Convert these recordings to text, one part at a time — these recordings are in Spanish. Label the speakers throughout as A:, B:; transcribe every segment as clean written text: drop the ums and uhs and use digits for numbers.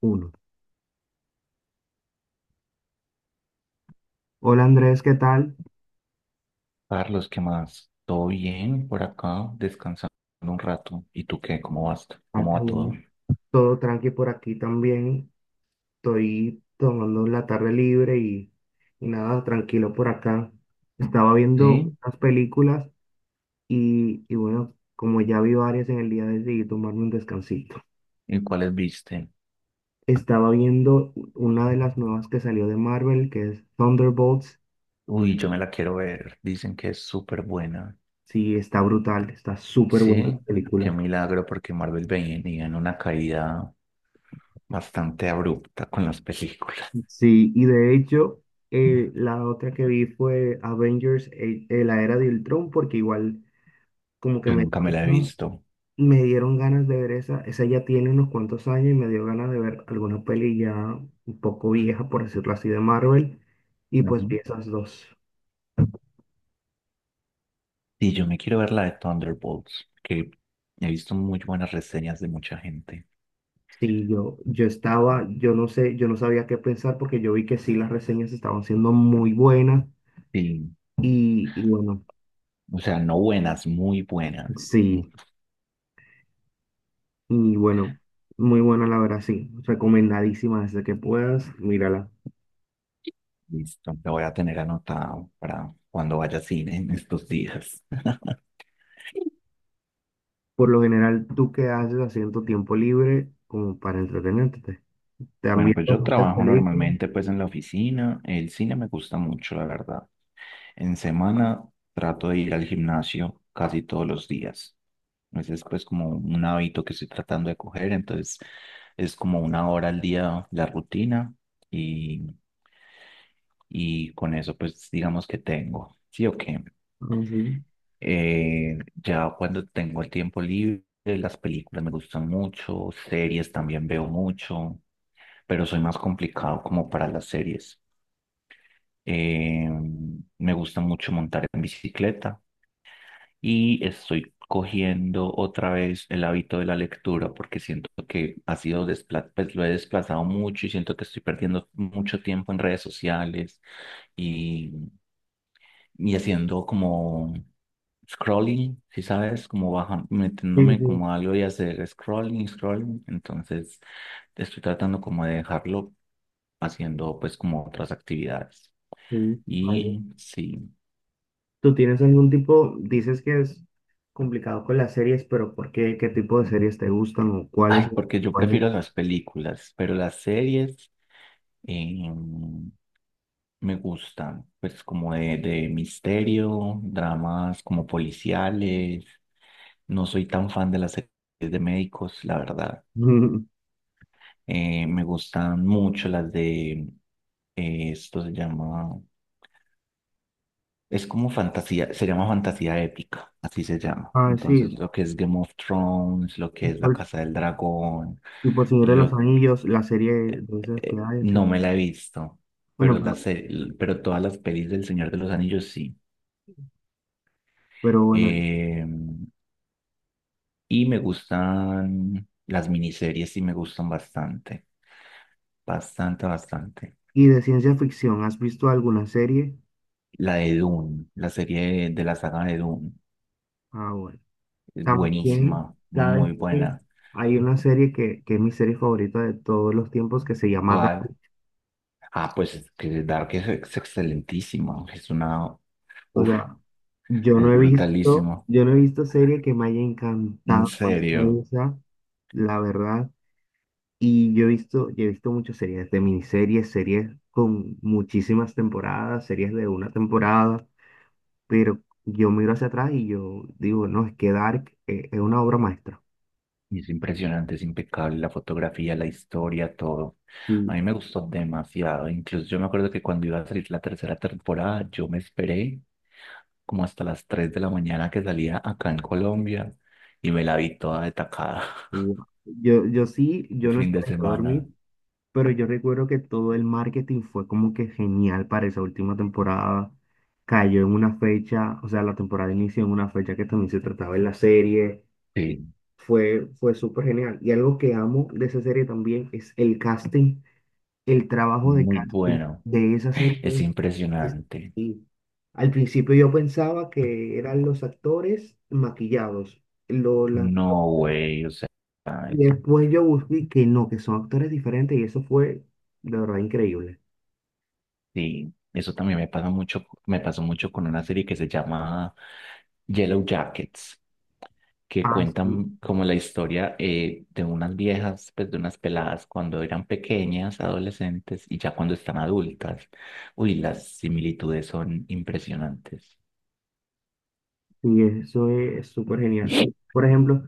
A: Uno. Hola Andrés, ¿qué tal?
B: Carlos, ¿qué más? ¿Todo bien por acá? Descansando un rato. ¿Y tú qué? ¿Cómo vas?
A: Ah,
B: ¿Cómo
A: qué
B: va todo?
A: bueno. Todo tranqui por aquí también. Estoy tomando la tarde libre y nada, tranquilo por acá. Estaba
B: ¿Sí?
A: viendo unas películas y bueno, como ya vi varias en el día, decidí tomarme un descansito.
B: ¿Y cuáles viste?
A: Estaba viendo una de las nuevas que salió de Marvel, que es Thunderbolts.
B: Uy, yo me la quiero ver. Dicen que es súper buena.
A: Sí, está brutal, está súper buena la
B: Sí, qué
A: película.
B: milagro porque Marvel venía en una caída bastante abrupta con las películas.
A: Sí, y de hecho, la otra que vi fue Avengers, la era de Ultron, porque igual como que
B: Yo
A: me,
B: nunca me la he visto.
A: me dieron ganas de ver esa, esa ya tiene unos cuantos años y me dio ganas de ver alguna peli ya un poco vieja, por decirlo así, de Marvel, y pues vi
B: Ujú.
A: esas dos.
B: Y yo me quiero ver la de Thunderbolts, que he visto muy buenas reseñas de mucha gente.
A: Sí, yo estaba, yo no sé, yo no sabía qué pensar porque yo vi que sí, las reseñas estaban siendo muy buenas
B: Sí,
A: y bueno,
B: o sea, no buenas, muy buenas.
A: sí. Y bueno, muy buena la verdad, sí. Recomendadísima desde que puedas, mírala.
B: Listo, lo voy a tener anotado para cuando vaya al cine en estos días.
A: Por lo general, ¿tú qué haces haciendo tu tiempo libre como para entretenerte? ¿Te han
B: Bueno, pues
A: visto
B: yo
A: muchas
B: trabajo
A: películas?
B: normalmente pues en la oficina. El cine me gusta mucho, la verdad. En semana trato de ir al gimnasio casi todos los días. Ese es pues como un hábito que estoy tratando de coger. Entonces es como una hora al día la rutina y, y con eso pues digamos que tengo. ¿Sí o qué?
A: Ah, sí.
B: Ya cuando tengo el tiempo libre, las películas me gustan mucho, series también veo mucho, pero soy más complicado como para las series. Eh, me gusta mucho montar en bicicleta y estoy cogiendo otra vez el hábito de la lectura porque siento que ha sido pues lo he desplazado mucho y siento que estoy perdiendo mucho tiempo en redes sociales y haciendo como scrolling, si sabes, como bajando,
A: Sí,
B: metiéndome
A: sí,
B: como a algo y hacer scrolling, scrolling. Entonces estoy tratando como de dejarlo haciendo pues como otras actividades.
A: sí, vale.
B: Y sí,
A: ¿Tú tienes algún tipo, dices que es complicado con las series, pero ¿por qué? ¿Qué tipo de series te gustan o cuáles?
B: ay, porque yo
A: ¿Cuáles?
B: prefiero las películas, pero las series eh, me gustan, pues como de misterio, dramas como policiales. No soy tan fan de las series de médicos, la verdad. Me gustan mucho las de esto se llama, es como fantasía, se llama fantasía épica, así se llama.
A: Ah,
B: Entonces,
A: sí,
B: lo que es Game of Thrones, lo que es
A: tipo,
B: La
A: el-
B: Casa del Dragón,
A: tipo Señor
B: y
A: de los
B: lo,
A: Anillos, la serie de esas que hay, sí.
B: no me la he visto,
A: Bueno,
B: pero,
A: pero,
B: pero todas las pelis del Señor de los Anillos sí.
A: pero bueno,
B: Eh, y me gustan las miniseries, sí me gustan bastante, bastante, bastante.
A: y de ciencia ficción, ¿has visto alguna serie?
B: La de Dune, la serie de la saga de Dune.
A: Ah, bueno.
B: Es
A: También,
B: buenísima,
A: ¿sabes
B: muy
A: qué?
B: buena.
A: Hay una serie que es mi serie favorita de todos los tiempos que se llama Dark.
B: ¿Cuál? Ah, pues es que Dark es excelentísima. Es una.
A: O
B: Uf,
A: sea,
B: es brutalísimo.
A: yo no he visto serie que me haya
B: En
A: encantado más
B: serio.
A: que esa, la verdad. Y yo he visto muchas series de miniseries, series con muchísimas temporadas, series de una temporada, pero yo miro hacia atrás y yo digo, no, es que Dark es una obra maestra.
B: Es impresionante, es impecable la fotografía, la historia, todo. A mí me gustó demasiado. Incluso yo me acuerdo que cuando iba a salir la tercera temporada, yo me esperé como hasta las 3 de la mañana que salía acá en Colombia y me la vi toda de tacada.
A: Wow.
B: Un
A: Yo no
B: fin
A: estaba
B: de
A: a
B: semana.
A: dormir, pero yo recuerdo que todo el marketing fue como que genial para esa última temporada. Cayó en una fecha, o sea, la temporada inició en una fecha que también se trataba en la serie. Y
B: Sí.
A: fue súper genial. Y algo que amo de esa serie también es el casting, el trabajo de
B: Muy
A: casting
B: bueno.
A: de esa
B: Es
A: serie. es-
B: impresionante.
A: sí. Al principio yo pensaba que eran los actores maquillados. Lo la
B: No, güey, o sea,
A: Y
B: es-
A: después yo busqué que no, que son actores diferentes y eso fue de verdad increíble.
B: sí, eso también me pasa mucho, me pasó mucho con una serie que se llama Yellow Jackets, que
A: Ah, sí,
B: cuentan como la historia de unas viejas, pues de unas peladas cuando eran pequeñas, adolescentes y ya cuando están adultas. Uy, las similitudes son impresionantes.
A: sí, eso es súper genial. Y, por ejemplo,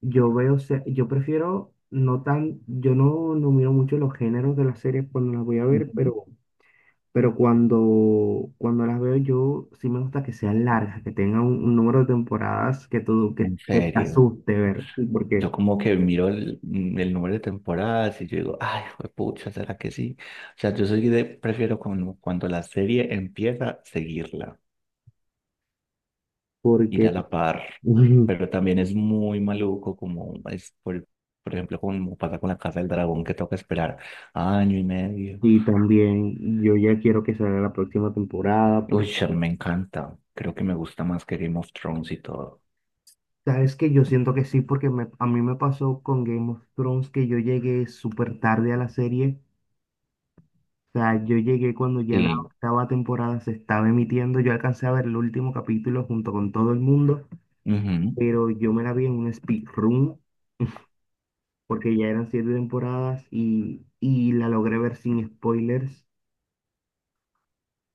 A: yo veo, se- yo prefiero no tan, yo no, no miro mucho los géneros de las series cuando las voy a ver,
B: Ujú.
A: pero, cuando las veo yo sí me gusta que sean largas, que tengan un número de temporadas
B: En
A: que te
B: serio.
A: asuste ver, sí,
B: Yo como que miro el, el número de temporadas y yo digo, ay, pucha, ¿será que sí? O sea, yo soy de, prefiero cuando, cuando la serie empieza, seguirla, ir
A: porque,
B: a la par. Pero también es muy maluco, como es, por ejemplo, como pasa con la Casa del Dragón, que toca esperar año y medio.
A: y también yo ya quiero que salga la próxima temporada, porque
B: Uy, a mí me encanta. Creo que me gusta más que Game of Thrones y todo.
A: sabes que yo siento que sí, porque a mí me pasó con Game of Thrones que yo llegué súper tarde a la serie. O sea, yo llegué cuando ya la
B: Sí.
A: octava temporada se estaba emitiendo. Yo alcancé a ver el último capítulo junto con todo el mundo,
B: Ujú.
A: pero yo me la vi en un speedrun porque ya eran siete temporadas y la logré ver sin spoilers,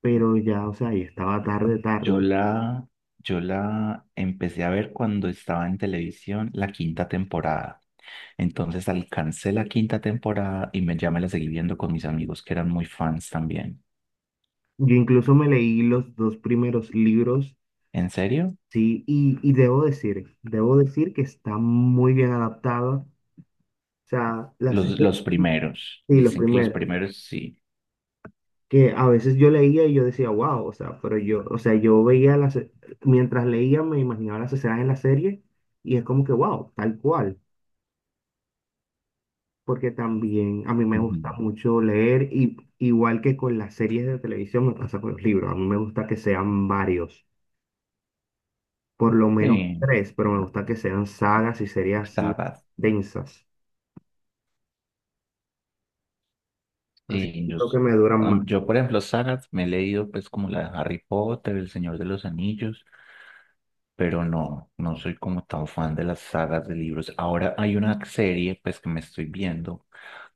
A: pero ya, o sea, ya estaba tarde,
B: Yo
A: tarde.
B: la, yo la empecé a ver cuando estaba en televisión la quinta temporada. Entonces alcancé la quinta temporada y me, ya me la seguí viendo con mis amigos que eran muy fans también.
A: Yo incluso me leí los dos primeros libros.
B: ¿En serio?
A: Sí, debo decir que está muy bien adaptada. O sea, las series
B: Los primeros.
A: y los
B: Dicen que los
A: primeros,
B: primeros sí.
A: que a veces yo leía y yo decía, wow, o sea, o sea, yo veía las, mientras leía me imaginaba las escenas en la serie y es como que, wow, tal cual, porque también a mí me gusta
B: Ujú.
A: mucho leer y igual que con las series de televisión me pasa con los libros, a mí me gusta que sean varios, por lo menos
B: Sí,
A: tres, pero me gusta que sean sagas y series así
B: sagas.
A: densas, así
B: Sí, yo,
A: creo que
B: s-
A: me duran más.
B: yo, por ejemplo, sagas me he leído pues como la de Harry Potter, El Señor de los Anillos, pero no, no soy como tan fan de las sagas de libros. Ahora hay una serie, pues, que me estoy viendo,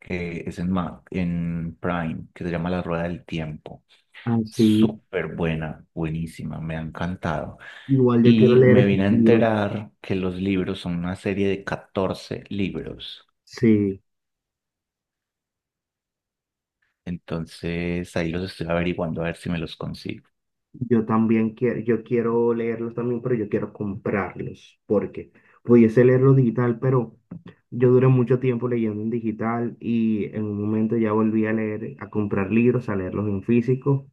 B: que es en, en Prime, que se llama La Rueda del Tiempo.
A: Así,
B: Súper buena, buenísima, me ha encantado.
A: igual yo quiero
B: Y
A: leer
B: me
A: esos
B: vine a
A: libros,
B: enterar que los libros son una serie de 14 libros.
A: sí.
B: Entonces, ahí los estoy averiguando a ver si me los consigo.
A: Yo también quiero, yo quiero leerlos también, pero yo quiero comprarlos, porque pudiese leerlo digital, pero yo duré mucho tiempo leyendo en digital y en un momento ya volví a leer, a comprar libros, a leerlos en físico.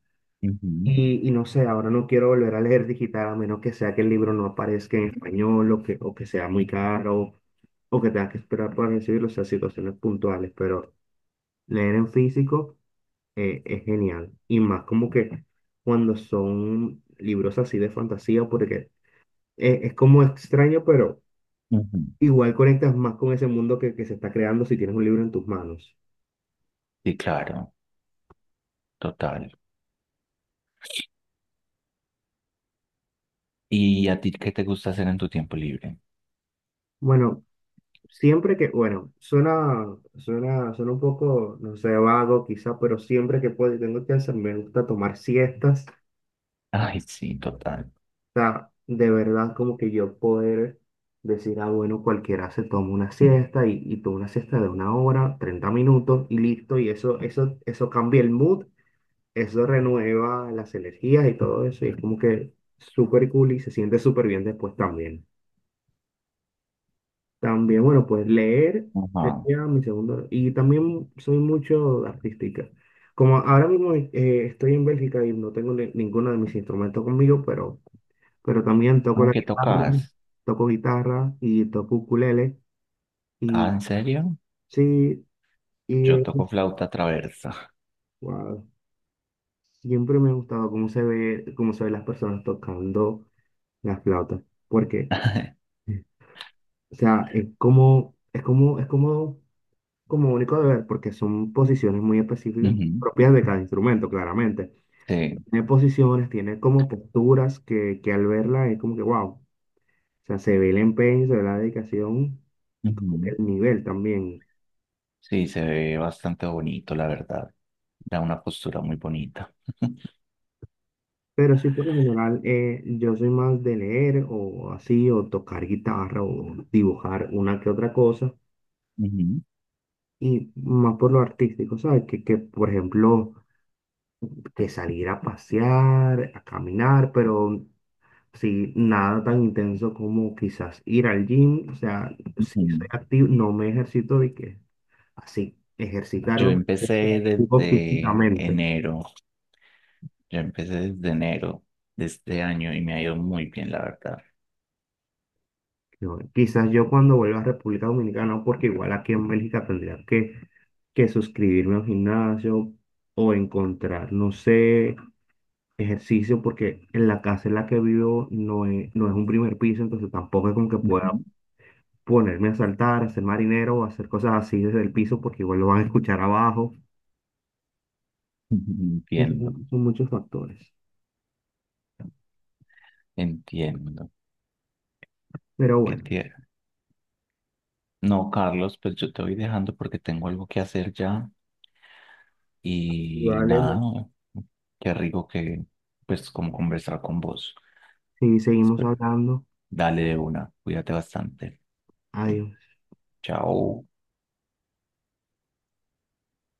B: Ujú,
A: Y no sé, ahora no quiero volver a leer digital a menos que sea que el libro no aparezca en español o que sea muy caro. Es genial. Y más como que cuando son libros así de fantasía, porque es como extraño, pero
B: ujú.
A: igual conectas más con ese mundo que se está creando si tienes un libro en tus manos.
B: Sí, claro, total. ¿Y a ti qué te gusta hacer en tu tiempo libre?
A: Bueno, siempre que, bueno, suena, suena, suena un poco, no sé, vago quizá, pero siempre que puedo y tengo chance, me gusta tomar siestas.
B: Ay, sí, total.
A: Sea, de verdad como que yo poder decir, ah, bueno, cualquiera se toma una siesta y toma una siesta de una hora, 30 minutos y listo, y eso cambia el mood, eso renueva las energías y todo eso, y es como que súper cool y se siente súper bien después también. También, bueno, pues leer
B: Ajá.
A: sería mi segundo, y también soy mucho artística. Como ahora mismo estoy en Bélgica y no tengo ninguno de mis instrumentos conmigo, pero también toco la
B: Aunque
A: guitarra,
B: tocas.
A: toco guitarra y toco ukulele.
B: Ah,
A: Y
B: ¿en serio?
A: sí, y
B: Yo toco flauta traversa.
A: wow, siempre me ha gustado cómo se ve, cómo se ven las personas tocando las flautas, porque, o sea, es como, como único de ver, porque son posiciones muy específicas,
B: Ujú,
A: propias de cada instrumento, claramente.
B: sí.
A: Tiene posiciones, tiene como posturas que al verla es como que, wow, o sea, se ve el empeño, se ve la dedicación y como que
B: Ujú.
A: el nivel también.
B: Sí, se ve bastante bonito, la verdad. Da una postura muy bonita.
A: Pero sí, por lo general, yo soy más de leer o así, o tocar guitarra o dibujar una que otra cosa,
B: Ujú,
A: y más por lo artístico, ¿sabes? Que por ejemplo, que salir a pasear, a caminar, pero sí, nada tan intenso como quizás ir al gym, o sea, si soy
B: ujú.
A: activo, no me ejercito de que así,
B: Yo
A: ejercitarme o sea,
B: empecé
A: activo
B: desde
A: físicamente.
B: enero. Yo empecé desde enero de este año y me ha ido muy bien, la verdad.
A: No, quizás yo cuando vuelva a República Dominicana, no, porque igual aquí en Bélgica que suscribirme a un gimnasio o encontrar, no sé, ejercicio, porque en la casa en la que vivo no es un primer piso, entonces tampoco es como que pueda
B: Ujú.
A: ponerme a saltar, a ser marinero o hacer cosas así desde el piso, porque igual lo van a escuchar abajo.
B: Ujú,
A: Y
B: entiendo,
A: son muchos factores.
B: entiendo.
A: Pero
B: Qué
A: bueno,
B: tierno. No, Carlos, pues yo te voy dejando porque tengo algo que hacer ya. Y
A: vale,
B: nada, qué rico que, pues, como conversar con vos.
A: si seguimos hablando,
B: Dale de una, cuídate bastante.
A: adiós.
B: Chao.